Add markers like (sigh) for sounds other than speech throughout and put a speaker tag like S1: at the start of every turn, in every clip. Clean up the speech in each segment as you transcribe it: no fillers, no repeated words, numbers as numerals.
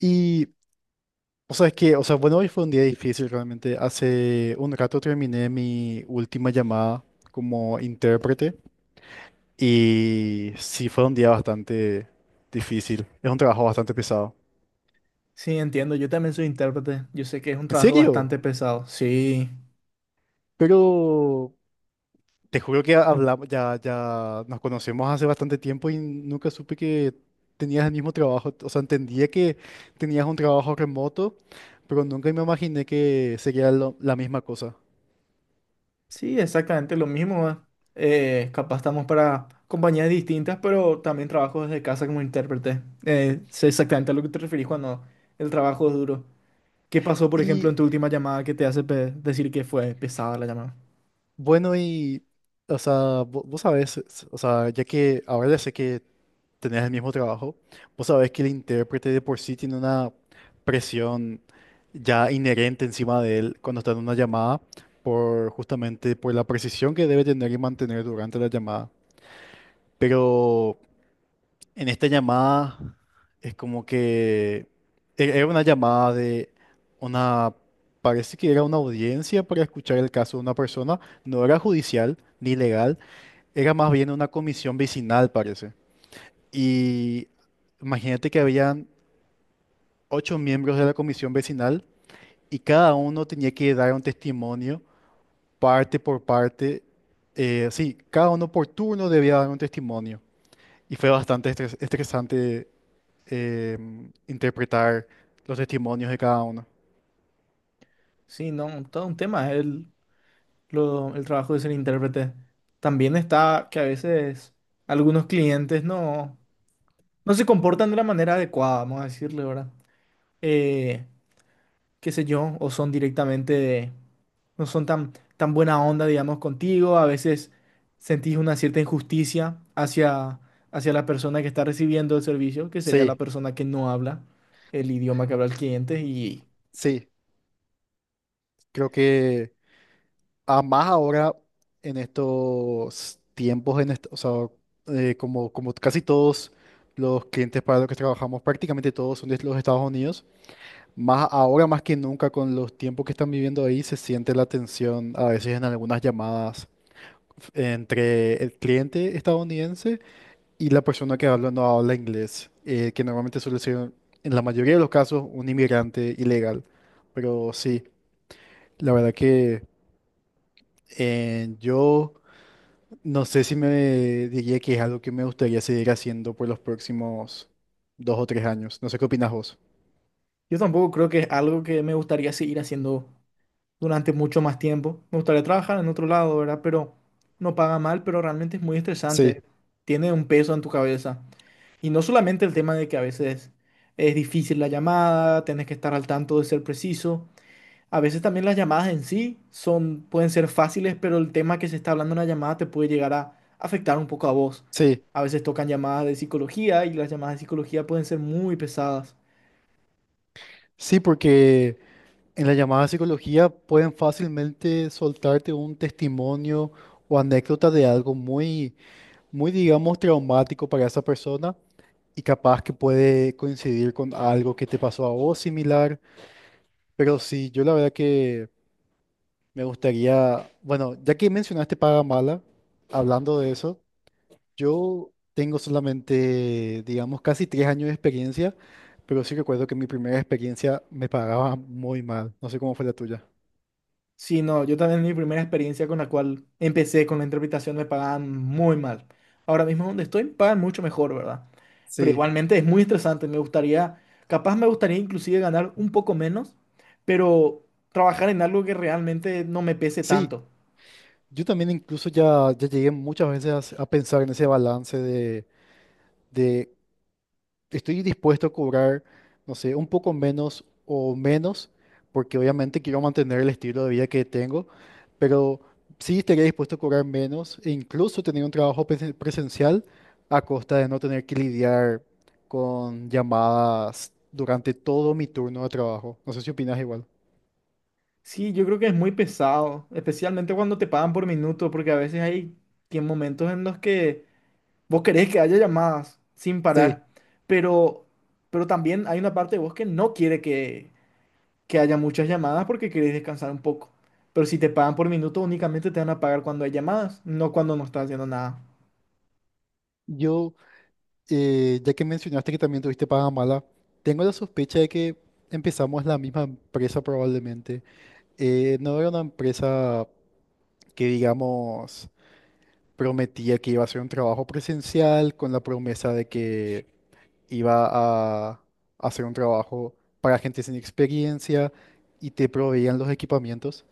S1: Y, o sea, es que, o sea, bueno, hoy fue un día difícil realmente. Hace un rato terminé mi última llamada como intérprete y sí fue un día bastante difícil. Es un trabajo bastante pesado.
S2: Sí, entiendo, yo también soy intérprete, yo sé que es un
S1: ¿En
S2: trabajo
S1: serio?
S2: bastante pesado. Sí,
S1: Pero te juro que hablamos. Ya nos conocemos hace bastante tiempo y nunca supe que tenías el mismo trabajo. O sea, entendía que tenías un trabajo remoto, pero nunca me imaginé que sería la misma cosa.
S2: sí, exactamente lo mismo. ¿Eh? Capaz estamos para compañías distintas, pero también trabajo desde casa como intérprete. Sé exactamente a lo que te referís cuando el trabajo es duro. ¿Qué pasó, por ejemplo,
S1: Y
S2: en tu última llamada que te hace decir que fue pesada la llamada?
S1: Bueno, y, o sea, vos sabés, o sea, ya que ahora ya sé que tenés el mismo trabajo, vos sabés que el intérprete de por sí tiene una presión ya inherente encima de él cuando está en una llamada, por justamente por la precisión que debe tener y mantener durante la llamada. Pero en esta llamada es como que era una llamada de una, parece que era una audiencia para escuchar el caso de una persona, no era judicial ni legal, era más bien una comisión vecinal, parece. Y imagínate que habían ocho miembros de la comisión vecinal y cada uno tenía que dar un testimonio parte por parte. Sí, cada uno por turno debía dar un testimonio. Y fue bastante estresante, eh, interpretar los testimonios de cada uno.
S2: Sí, no, todo un tema, es el trabajo de ser intérprete. También está que a veces algunos clientes no se comportan de la manera adecuada, vamos a decirle, ¿verdad? eh, qué sé yo, o son directamente no son tan buena onda, digamos, contigo, a veces sentís una cierta injusticia hacia la persona que está recibiendo el servicio, que sería la
S1: Sí,
S2: persona que no habla el idioma que habla el cliente, y
S1: sí, creo que a más ahora en estos tiempos, o sea, como casi todos los clientes para los que trabajamos, prácticamente todos son de los Estados Unidos. Más ahora más que nunca con los tiempos que están viviendo ahí, se siente la tensión a veces en algunas llamadas, entre el cliente estadounidense y la persona que habla no habla inglés, que normalmente suele ser, en la mayoría de los casos, un inmigrante ilegal. Pero sí, la verdad que yo no sé si me diría que es algo que me gustaría seguir haciendo por los próximos 2 o 3 años. No sé qué opinas vos.
S2: yo tampoco creo que es algo que me gustaría seguir haciendo durante mucho más tiempo. Me gustaría trabajar en otro lado, ¿verdad? Pero no paga mal, pero realmente es muy estresante,
S1: Sí,
S2: tiene un peso en tu cabeza. Y no solamente el tema de que a veces es difícil la llamada, tienes que estar al tanto de ser preciso. A veces también las llamadas en sí pueden ser fáciles, pero el tema que se está hablando en la llamada te puede llegar a afectar un poco a vos.
S1: sí,
S2: A veces tocan llamadas de psicología y las llamadas de psicología pueden ser muy pesadas.
S1: sí, porque en la llamada psicología pueden fácilmente soltarte un testimonio o anécdota de algo muy muy, digamos, traumático para esa persona y capaz que puede coincidir con algo que te pasó a vos similar. Pero sí, yo la verdad que me gustaría, bueno, ya que mencionaste paga mala, hablando de eso, yo tengo solamente, digamos, casi 3 años de experiencia, pero sí recuerdo que mi primera experiencia me pagaba muy mal. No sé cómo fue la tuya.
S2: Sí, no, yo también mi primera experiencia con la cual empecé con la interpretación me pagaban muy mal. Ahora mismo donde estoy pagan mucho mejor, ¿verdad? Pero
S1: Sí,
S2: igualmente es muy estresante, me gustaría, capaz me gustaría inclusive ganar un poco menos, pero trabajar en algo que realmente no me pese
S1: sí,
S2: tanto.
S1: yo también incluso ya llegué muchas veces a pensar en ese balance de estoy dispuesto a cobrar, no sé, un poco menos o menos, porque obviamente quiero mantener el estilo de vida que tengo, pero sí estaría dispuesto a cobrar menos e incluso tener un trabajo presencial a costa de no tener que lidiar con llamadas durante todo mi turno de trabajo. No sé si opinas igual.
S2: Sí, yo creo que es muy pesado, especialmente cuando te pagan por minuto, porque a veces hay que momentos en los que vos querés que haya llamadas sin
S1: Sí,
S2: parar, pero, pero también hay una parte de vos que no quiere que haya muchas llamadas porque querés descansar un poco. Pero si te pagan por minuto, únicamente te van a pagar cuando hay llamadas, no cuando no estás haciendo nada.
S1: yo, ya que mencionaste que también tuviste paga mala, tengo la sospecha de que empezamos la misma empresa probablemente. No era una empresa que digamos prometía que iba a hacer un trabajo presencial, con la promesa de que iba a hacer un trabajo para gente sin experiencia y te proveían los equipamientos.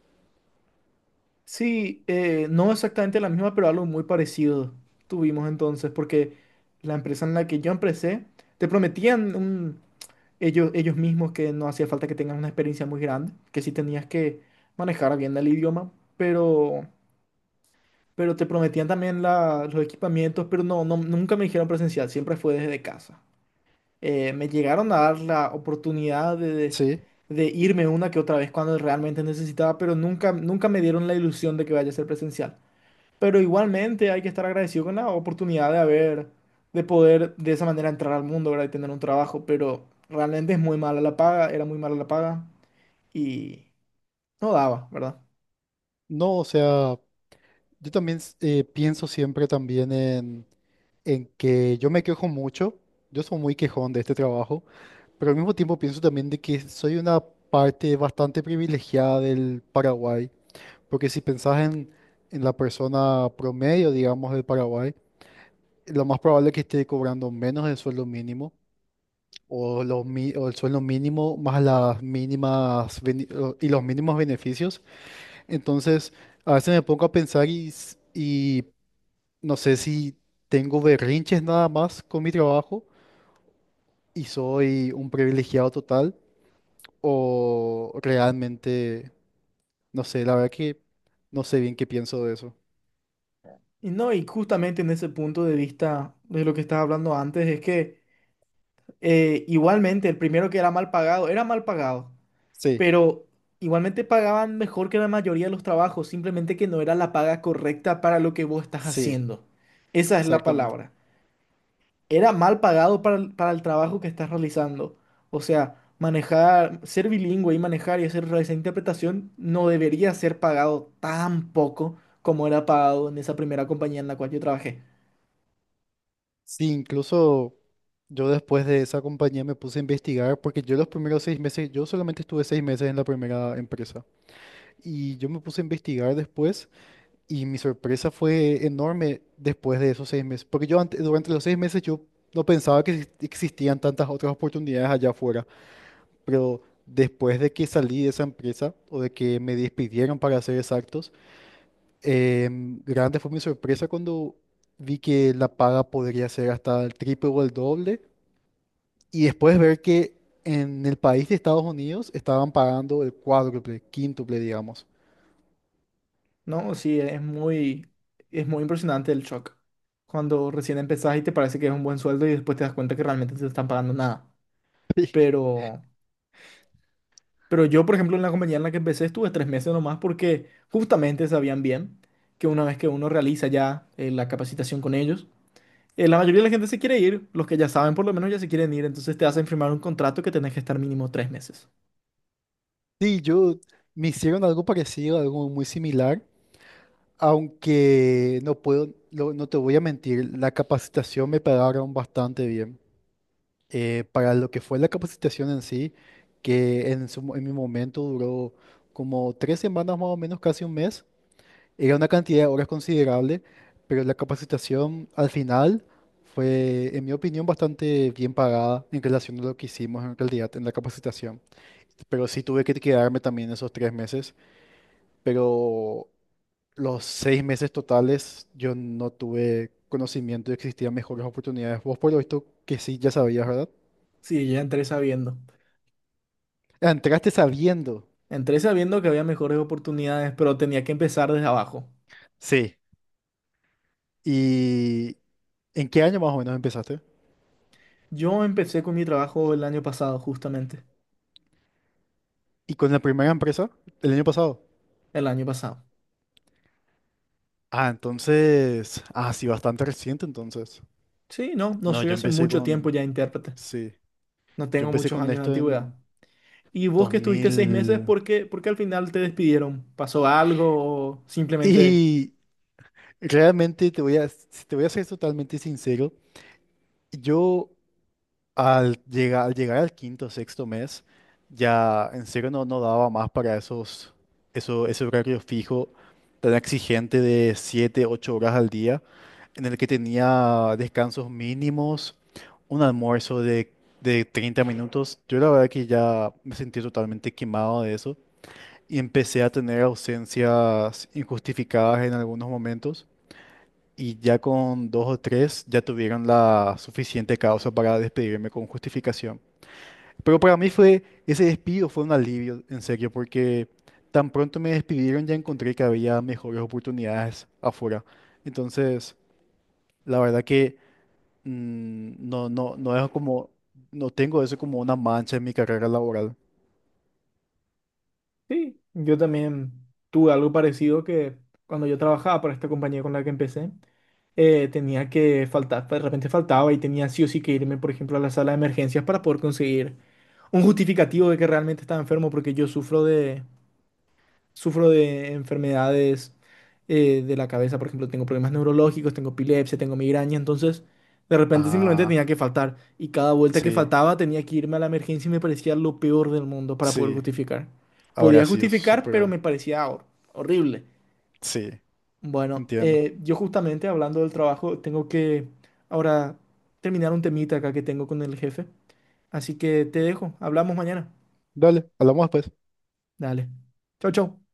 S2: Sí, no exactamente la misma, pero algo muy parecido tuvimos entonces, porque la empresa en la que yo empecé, te prometían ellos mismos que no hacía falta que tengas una experiencia muy grande, que sí tenías que manejar bien el idioma, pero, pero te prometían también los equipamientos, pero no, nunca me dijeron presencial, siempre fue desde casa. Me llegaron a dar la oportunidad
S1: Sí,
S2: de irme una que otra vez cuando realmente necesitaba, pero nunca me dieron la ilusión de que vaya a ser presencial. Pero igualmente hay que estar agradecido con la oportunidad de haber, de poder de esa manera entrar al mundo, ¿verdad? Y tener un trabajo, pero realmente es muy mala la paga, era muy mala la paga y no daba, ¿verdad?
S1: no, o sea, yo también pienso siempre también en que yo me quejo mucho, yo soy muy quejón de este trabajo, pero al mismo tiempo pienso también de que soy una parte bastante privilegiada del Paraguay. Porque si pensás en la persona promedio, digamos, del Paraguay, lo más probable es que esté cobrando menos del sueldo mínimo o, el sueldo mínimo más las mínimas y los mínimos beneficios. Entonces, a veces me pongo a pensar y no sé si tengo berrinches nada más con mi trabajo y soy un privilegiado total o realmente, no sé, la verdad que no sé bien qué pienso de eso.
S2: Y no, y justamente en ese punto de vista de lo que estaba hablando antes, es que igualmente el primero que era mal pagado
S1: Sí,
S2: pero igualmente pagaban mejor que la mayoría de los trabajos, simplemente que no era la paga correcta para lo que vos estás
S1: sí,
S2: haciendo. Esa es la
S1: exactamente.
S2: palabra. Era mal pagado para el trabajo que estás realizando. O sea, manejar, ser bilingüe y manejar y hacer esa interpretación no debería ser pagado tan poco como era pagado en esa primera compañía en la cual yo trabajé.
S1: Sí, incluso yo después de esa compañía me puse a investigar, porque yo los primeros 6 meses, yo solamente estuve 6 meses en la primera empresa, y yo me puse a investigar después y mi sorpresa fue enorme después de esos 6 meses. Porque yo antes, durante los 6 meses, yo no pensaba que existían tantas otras oportunidades allá afuera, pero después de que salí de esa empresa o de que me despidieron para ser exactos, grande fue mi sorpresa cuando vi que la paga podría ser hasta el triple o el doble. Y después ver que en el país de Estados Unidos estaban pagando el cuádruple, quíntuple, digamos.
S2: No, sí, es es muy impresionante el shock. Cuando recién empezás y te parece que es un buen sueldo y después te das cuenta que realmente te están pagando nada.
S1: (laughs)
S2: Pero, pero yo, por ejemplo, en la compañía en la que empecé estuve 3 meses nomás porque justamente sabían bien que una vez que uno realiza ya la capacitación con ellos, la mayoría de la gente se quiere ir, los que ya saben por lo menos ya se quieren ir, entonces te hacen firmar un contrato que tenés que estar mínimo 3 meses.
S1: Sí, yo me hicieron algo parecido, algo muy similar, aunque no puedo, no te voy a mentir, la capacitación me pagaron bastante bien. Para lo que fue la capacitación en sí, que en, en mi momento duró como 3 semanas más o menos, casi un mes, era una cantidad de horas considerable, pero la capacitación al final fue, en mi opinión, bastante bien pagada en relación a lo que hicimos en realidad en la capacitación. Pero sí tuve que quedarme también esos 3 meses. Pero los 6 meses totales yo no tuve conocimiento de que existían mejores oportunidades. Vos por lo visto que sí, ya sabías, ¿verdad?
S2: Sí, ya entré sabiendo.
S1: Ah, entraste sabiendo.
S2: Entré sabiendo que había mejores oportunidades, pero tenía que empezar desde abajo.
S1: Sí. ¿Y en qué año más o menos empezaste?
S2: Yo empecé con mi trabajo el año pasado, justamente,
S1: ¿Y con la primera empresa? ¿El año pasado?
S2: el año pasado.
S1: Ah, entonces, ah, sí, bastante reciente entonces.
S2: Sí, no, no
S1: No,
S2: soy
S1: yo
S2: hace
S1: empecé
S2: mucho tiempo
S1: con,
S2: ya intérprete,
S1: sí,
S2: no
S1: yo
S2: tengo
S1: empecé
S2: muchos
S1: con
S2: años de
S1: esto
S2: antigüedad.
S1: en
S2: ¿Y vos
S1: dos
S2: que estuviste 6 meses,
S1: mil
S2: por qué al final te despidieron? ¿Pasó algo o simplemente...
S1: y realmente, si te voy a ser totalmente sincero, yo al llegar al quinto, o sexto mes, ya en serio no daba más para ese horario fijo tan exigente de 7 8 horas al día, en el que tenía descansos mínimos, un almuerzo de, 30 minutos. Yo la verdad que ya me sentí totalmente quemado de eso y empecé a tener ausencias injustificadas en algunos momentos. Y ya con dos o tres ya tuvieron la suficiente causa para despedirme con justificación. Pero para mí fue, ese despido fue un alivio, en serio, porque tan pronto me despidieron ya encontré que había mejores oportunidades afuera. Entonces, la verdad que no, no, no es como, no tengo eso como una mancha en mi carrera laboral.
S2: Sí, yo también tuve algo parecido que cuando yo trabajaba para esta compañía con la que empecé, tenía que faltar, de repente faltaba y tenía sí o sí que irme, por ejemplo, a la sala de emergencias para poder conseguir un justificativo de que realmente estaba enfermo porque yo sufro de, sufro de enfermedades de la cabeza, por ejemplo, tengo problemas neurológicos, tengo epilepsia, tengo migraña, entonces de repente simplemente tenía
S1: Ah,
S2: que faltar y cada vuelta que
S1: sí,
S2: faltaba tenía que irme a la emergencia y me parecía lo peor del mundo para poder
S1: sí,
S2: justificar.
S1: habrá
S2: Podía
S1: sido
S2: justificar, pero
S1: súper,
S2: me parecía horrible.
S1: sí,
S2: Bueno,
S1: entiendo.
S2: yo justamente hablando del trabajo, tengo que ahora terminar un temita acá que tengo con el jefe, así que te dejo, hablamos mañana.
S1: Dale, hablamos después.
S2: Dale. Chau, chau.